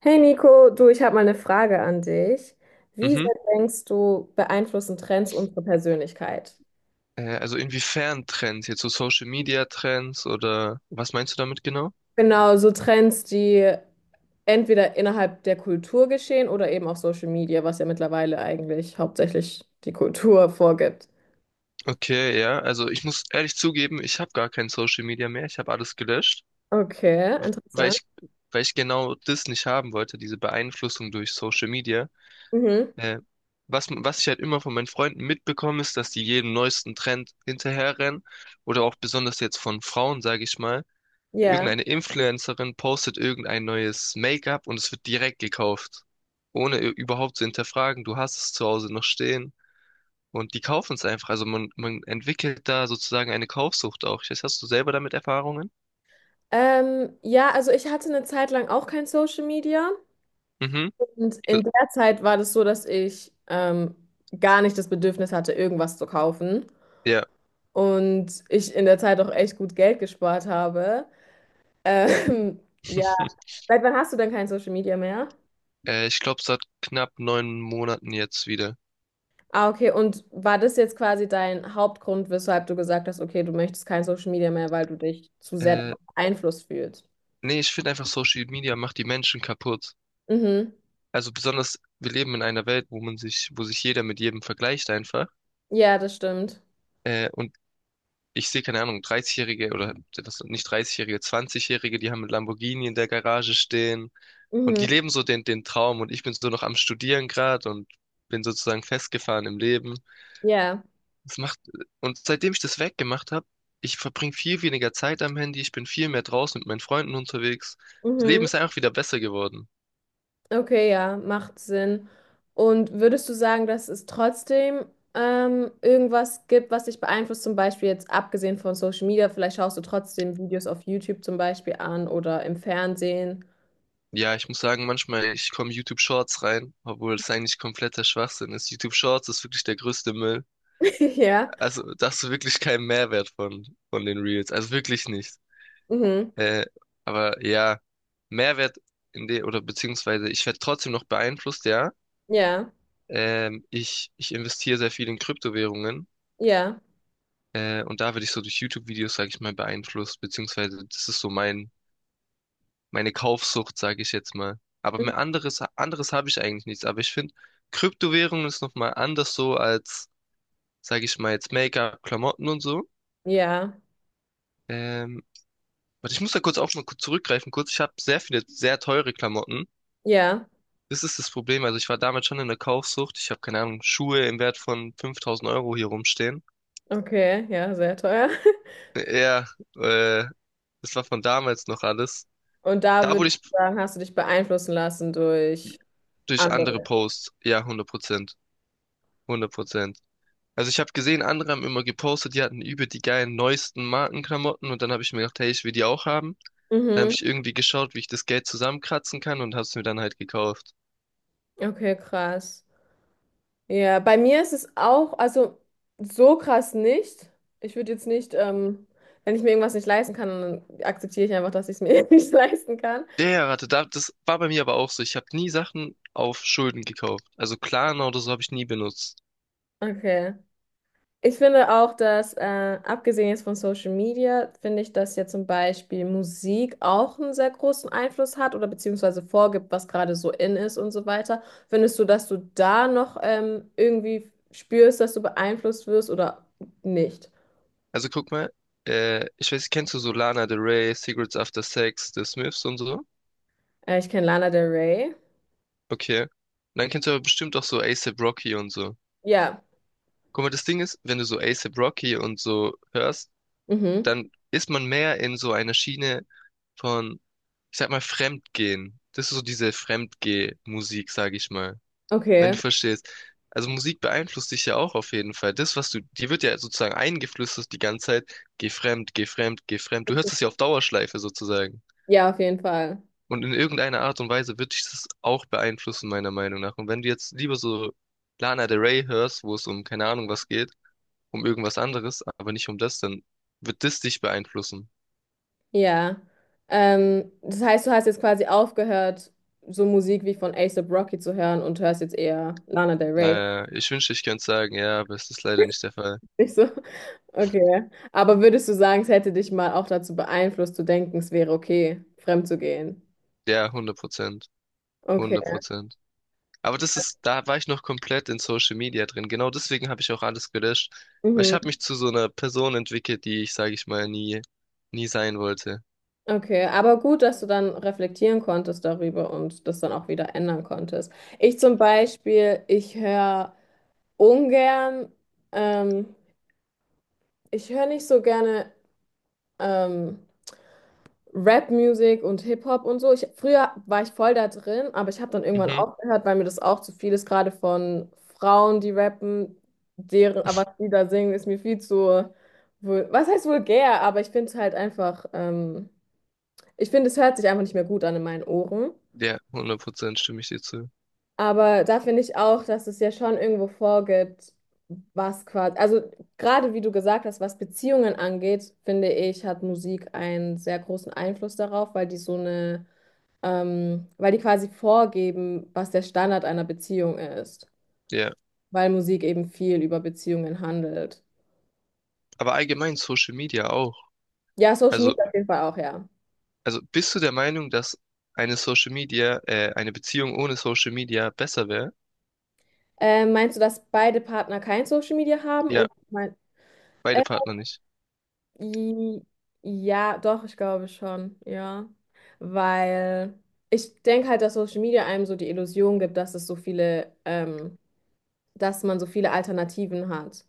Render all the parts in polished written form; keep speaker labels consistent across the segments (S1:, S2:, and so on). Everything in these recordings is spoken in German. S1: Hey Nico, du, ich habe mal eine Frage an dich. Wie
S2: Mhm.
S1: sehr denkst du, beeinflussen Trends unsere Persönlichkeit?
S2: Also inwiefern Trends? Jetzt so Social Media Trends oder was meinst du damit genau?
S1: Genau, so Trends, die entweder innerhalb der Kultur geschehen oder eben auf Social Media, was ja mittlerweile eigentlich hauptsächlich die Kultur vorgibt.
S2: Okay, ja. Also ich muss ehrlich zugeben, ich habe gar kein Social Media mehr. Ich habe alles gelöscht,
S1: Okay,
S2: weil
S1: interessant.
S2: ich, weil ich genau das nicht haben wollte, diese Beeinflussung durch Social Media.
S1: Mhm,
S2: Äh, was ich halt immer von meinen Freunden mitbekomme, ist, dass die jeden neuesten Trend hinterherrennen oder auch besonders jetzt von Frauen, sage ich mal.
S1: ja.
S2: Irgendeine Influencerin postet irgendein neues Make-up und es wird direkt gekauft. Ohne überhaupt zu hinterfragen. Du hast es zu Hause noch stehen. Und die kaufen es einfach. Also man entwickelt da sozusagen eine Kaufsucht auch. Ich weiß, hast du selber damit Erfahrungen?
S1: Ja, also ich hatte eine Zeit lang auch kein Social Media
S2: Mhm.
S1: und
S2: Äh,
S1: in der Zeit war das so, dass ich gar nicht das Bedürfnis hatte, irgendwas zu kaufen.
S2: Ja.
S1: Und ich in der Zeit auch echt gut Geld gespart habe. Ähm, ja, seit wann hast du denn kein Social Media mehr?
S2: Ich glaube, seit knapp 9 Monaten jetzt wieder.
S1: Ah, okay. Und war das jetzt quasi dein Hauptgrund, weshalb du gesagt hast, okay, du möchtest kein Social Media mehr, weil du dich zu sehr davon
S2: Äh,
S1: beeinflusst fühlst?
S2: nee, ich finde einfach, Social Media macht die Menschen kaputt.
S1: Mhm.
S2: Also besonders, wir leben in einer Welt, wo sich jeder mit jedem vergleicht einfach.
S1: Ja, das stimmt.
S2: Und ich sehe, keine Ahnung, 30-Jährige oder was, nicht 30-Jährige, 20-Jährige, die haben mit Lamborghini in der Garage stehen und die
S1: Mhm.
S2: leben so den Traum und ich bin so noch am Studieren gerade und bin sozusagen festgefahren im Leben.
S1: Ja.
S2: Das macht, und seitdem ich das weggemacht habe, ich verbringe viel weniger Zeit am Handy, ich bin viel mehr draußen mit meinen Freunden unterwegs. Das Leben
S1: Mhm.
S2: ist einfach wieder besser geworden.
S1: Okay, ja, macht Sinn. Und würdest du sagen, dass es trotzdem irgendwas gibt, was dich beeinflusst, zum Beispiel jetzt abgesehen von Social Media, vielleicht schaust du trotzdem Videos auf YouTube zum Beispiel an oder im Fernsehen.
S2: Ja, ich muss sagen, manchmal, ich komme YouTube Shorts rein, obwohl es eigentlich kompletter Schwachsinn ist. YouTube Shorts ist wirklich der größte Müll.
S1: Ja,
S2: Also, da hast du wirklich keinen Mehrwert von den Reels. Also wirklich nicht.
S1: mhm.
S2: Äh, aber ja, Mehrwert oder beziehungsweise ich werde trotzdem noch beeinflusst, ja.
S1: Ja,
S2: Ich investiere sehr viel in Kryptowährungen.
S1: ja,
S2: Und da werde ich so durch YouTube-Videos, sage ich mal, beeinflusst, beziehungsweise das ist so meine Kaufsucht, sage ich jetzt mal. Aber
S1: mhm.
S2: mehr anderes habe ich eigentlich nichts. Aber ich finde, Kryptowährungen ist nochmal anders so als, sage ich mal, jetzt Make-up, Klamotten und so.
S1: Ja,
S2: Ähm, Warte, ich muss da kurz auch mal kurz zurückgreifen. Kurz, ich habe sehr viele sehr teure Klamotten.
S1: ja,
S2: Das ist das Problem. Also ich war damals schon in der Kaufsucht. Ich habe keine Ahnung, Schuhe im Wert von 5000 Euro hier rumstehen.
S1: okay, ja, sehr teuer.
S2: Ja, äh, das war von damals noch alles.
S1: Und da
S2: Da wurde
S1: würdest du
S2: ich
S1: sagen, hast du dich beeinflussen lassen durch
S2: durch andere
S1: andere.
S2: Posts. Ja, 100%. 100%. Also ich habe gesehen, andere haben immer gepostet, die hatten über die geilen neuesten Markenklamotten und dann habe ich mir gedacht, hey, ich will die auch haben. Dann habe
S1: Mhm.
S2: ich irgendwie geschaut, wie ich das Geld zusammenkratzen kann und habe es mir dann halt gekauft.
S1: Okay, krass. Ja, bei mir ist es auch, also so krass nicht. Ich würde jetzt nicht, wenn ich mir irgendwas nicht leisten kann, dann akzeptiere ich einfach, dass ich es mir nicht leisten kann.
S2: Das war bei mir aber auch so. Ich habe nie Sachen auf Schulden gekauft. Also Klarna oder so habe ich nie benutzt.
S1: Okay. Ich finde auch, dass, abgesehen jetzt von Social Media, finde ich, dass ja zum Beispiel Musik auch einen sehr großen Einfluss hat oder beziehungsweise vorgibt, was gerade so in ist und so weiter. Findest du, dass du da noch irgendwie spürst, dass du beeinflusst wirst oder nicht?
S2: Also guck mal, ich weiß, kennst du so Lana Del Rey, Cigarettes After Sex, The Smiths und so?
S1: Ich kenne Lana Del Rey.
S2: Okay. Und dann kennst du aber bestimmt auch so A$AP Rocky und so.
S1: Ja.
S2: Guck mal, das Ding ist, wenn du so A$AP Rocky und so hörst,
S1: Mhm.
S2: dann ist man mehr in so einer Schiene von, ich sag mal, Fremdgehen. Das ist so diese Fremdgeh-Musik, sag ich mal, wenn
S1: Okay,
S2: du verstehst. Also Musik beeinflusst dich ja auch auf jeden Fall. Dir wird ja sozusagen eingeflüstert die ganze Zeit, geh fremd, geh fremd, geh fremd. Du hörst es ja auf Dauerschleife sozusagen.
S1: ja, auf jeden Fall.
S2: Und in irgendeiner Art und Weise wird dich das auch beeinflussen, meiner Meinung nach. Und wenn du jetzt lieber so Lana Del Rey hörst, wo es um keine Ahnung was geht, um irgendwas anderes, aber nicht um das, dann wird das dich beeinflussen.
S1: Ja. Das heißt, du hast jetzt quasi aufgehört, so Musik wie von A$AP Rocky zu hören und hörst jetzt eher Lana Del Rey.
S2: Naja, ich wünschte, ich könnte sagen, ja, aber es ist leider nicht der Fall.
S1: Nicht so? Okay. Aber würdest du sagen, es hätte dich mal auch dazu beeinflusst, zu denken, es wäre okay, fremd zu gehen?
S2: Ja, 100%. Hundert
S1: Okay.
S2: Prozent. Aber das ist, da war ich noch komplett in Social Media drin. Genau deswegen habe ich auch alles gelöscht. Weil ich
S1: Mhm.
S2: habe mich zu so einer Person entwickelt, die ich, sage ich mal, nie sein wollte.
S1: Okay. Aber gut, dass du dann reflektieren konntest darüber und das dann auch wieder ändern konntest. Ich zum Beispiel, ich höre ungern, ähm, ich höre nicht so gerne. ähm, Rap-Musik und Hip-Hop und so. Ich, früher war ich voll da drin, aber ich habe dann irgendwann
S2: Mhm.
S1: aufgehört, weil mir das auch zu viel ist, gerade von Frauen, die rappen, deren, aber was die da singen, ist mir viel zu, was heißt vulgär, aber ich finde es halt einfach, ich finde, es hört sich einfach nicht mehr gut an in meinen Ohren.
S2: Ja, 100% stimme ich dir zu.
S1: Aber da finde ich auch, dass es ja schon irgendwo vorgibt, was quasi, also gerade wie du gesagt hast, was Beziehungen angeht, finde ich, hat Musik einen sehr großen Einfluss darauf, weil die so eine weil die quasi vorgeben, was der Standard einer Beziehung ist,
S2: Ja,
S1: weil Musik eben viel über Beziehungen handelt.
S2: aber allgemein Social Media auch.
S1: Ja, Social
S2: Also,
S1: Media auf jeden Fall auch, ja.
S2: also bist du der Meinung, dass eine eine Beziehung ohne Social Media besser wäre?
S1: Meinst du, dass beide Partner kein Social Media haben?
S2: Ja,
S1: Oder mein, äh,
S2: beide Partner nicht.
S1: i- ja, doch, ich glaube schon, ja. Weil ich denke halt, dass Social Media einem so die Illusion gibt, dass es so viele, dass man so viele Alternativen hat.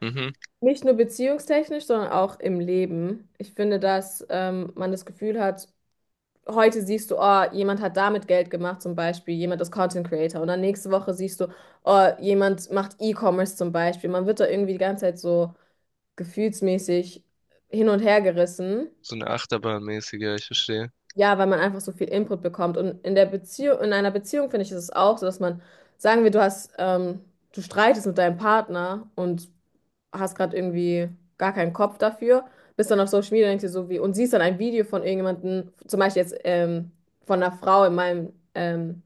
S2: Mhm.
S1: Nicht nur beziehungstechnisch, sondern auch im Leben. Ich finde, dass man das Gefühl hat, heute siehst du, oh, jemand hat damit Geld gemacht, zum Beispiel, jemand ist Content Creator. Und dann nächste Woche siehst du, oh, jemand macht E-Commerce zum Beispiel. Man wird da irgendwie die ganze Zeit so gefühlsmäßig hin und her gerissen.
S2: So eine Achterbahnmäßige, ich verstehe.
S1: Ja, weil man einfach so viel Input bekommt. Und in der Beziehung, in einer Beziehung finde ich, ist es auch so, dass man, sagen wir, du hast, du streitest mit deinem Partner und hast gerade irgendwie gar keinen Kopf dafür, bist dann auf Social Media und denkst dir so wie, und siehst dann ein Video von irgendjemandem, zum Beispiel jetzt von einer Frau in meinem,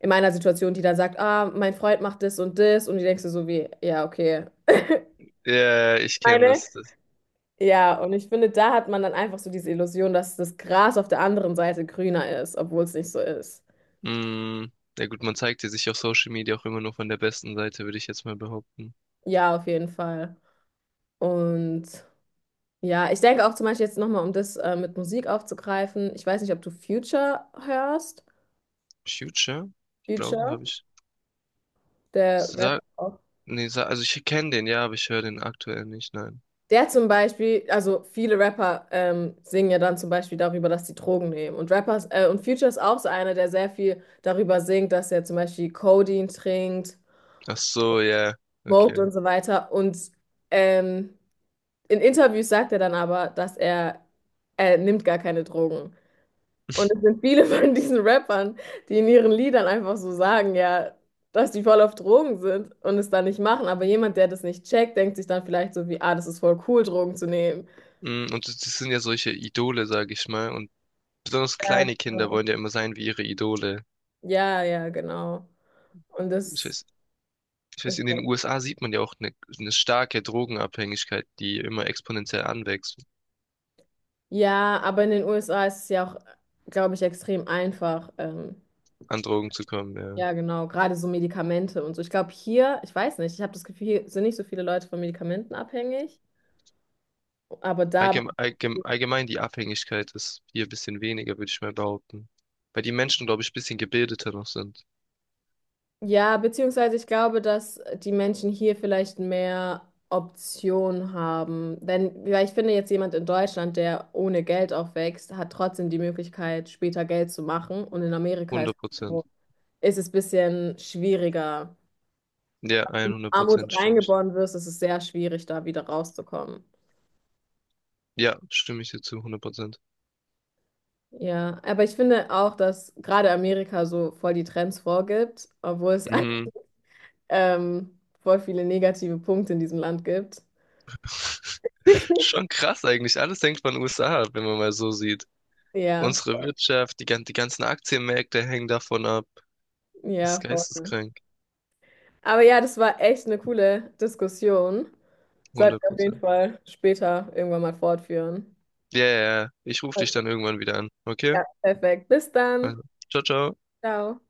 S1: in meiner Situation, die dann sagt, ah, mein Freund macht das und das, und die denkst du so wie, ja, okay.
S2: Ja, ich kenne
S1: Meine?
S2: das.
S1: Ja, und ich finde, da hat man dann einfach so diese Illusion, dass das Gras auf der anderen Seite grüner ist, obwohl es nicht so ist.
S2: Mm, ja gut, man zeigt ja sich auf Social Media auch immer nur von der besten Seite, würde ich jetzt mal behaupten.
S1: Ja, auf jeden Fall. Und ja, ich denke auch zum Beispiel jetzt nochmal, um das mit Musik aufzugreifen, ich weiß nicht, ob du Future hörst.
S2: Future? Ich glaube,
S1: Future?
S2: habe ich.
S1: Der Rapper
S2: Sa
S1: auch.
S2: nee, Sa also ich kenne den, ja, aber ich höre den aktuell nicht, nein.
S1: Der zum Beispiel, also viele Rapper singen ja dann zum Beispiel darüber, dass sie Drogen nehmen. Und Rappers, und Future ist auch so einer, der sehr viel darüber singt, dass er zum Beispiel Codein trinkt,
S2: Ach so, ja,
S1: smoked
S2: okay.
S1: und so weiter. Und ähm, in Interviews sagt er dann aber, dass er nimmt gar keine Drogen. Und es sind viele von diesen Rappern, die in ihren Liedern einfach so sagen, ja, dass die voll auf Drogen sind und es dann nicht machen. Aber jemand, der das nicht checkt, denkt sich dann vielleicht so wie, ah, das ist voll cool, Drogen zu nehmen.
S2: Mm, und das sind ja solche Idole, sage ich mal. Und besonders
S1: Ja,
S2: kleine Kinder
S1: genau.
S2: wollen ja immer sein wie ihre Idole.
S1: Ja, ja, genau. Und
S2: Ich
S1: das,
S2: weiß, ich weiß, in den USA sieht man ja auch eine starke Drogenabhängigkeit, die immer exponentiell anwächst,
S1: ja, aber in den USA ist es ja auch, glaube ich, extrem einfach.
S2: an Drogen zu kommen, ja.
S1: Ja, genau, gerade so Medikamente und so. Ich glaube, hier, ich weiß nicht, ich habe das Gefühl, hier sind nicht so viele Leute von Medikamenten abhängig. Aber da,
S2: Allgemein, die Abhängigkeit ist hier ein bisschen weniger, würde ich mal behaupten. Weil die Menschen, glaube ich, ein bisschen gebildeter noch sind.
S1: ja, beziehungsweise ich glaube, dass die Menschen hier vielleicht mehr Optionen haben. Denn, weil ich finde, jetzt jemand in Deutschland, der ohne Geld aufwächst, hat trotzdem die Möglichkeit, später Geld zu machen. Und in Amerika ist
S2: 100%.
S1: ist es ein bisschen schwieriger.
S2: Ja, 100
S1: Armut
S2: Prozent stimme ich.
S1: reingeboren wirst, ist es sehr schwierig, da wieder rauszukommen.
S2: Ja, stimme ich dir zu, 100%.
S1: Ja, aber ich finde auch, dass gerade Amerika so voll die Trends vorgibt, obwohl es
S2: Mhm.
S1: voll viele negative Punkte in diesem Land gibt.
S2: Schon krass eigentlich. Alles hängt von USA ab, wenn man mal so sieht.
S1: Ja,
S2: Unsere Wirtschaft, die ganzen Aktienmärkte hängen davon ab. Das ist
S1: ja, voll.
S2: geisteskrank.
S1: Aber ja, das war echt eine coole Diskussion. Sollten
S2: 100
S1: wir auf jeden
S2: Prozent.
S1: Fall später irgendwann mal fortführen.
S2: Ja, ja, ja. Ich rufe dich
S1: Okay.
S2: dann irgendwann wieder an. Okay?
S1: Ja, perfekt. Bis dann.
S2: Also, ciao, ciao.
S1: Ciao.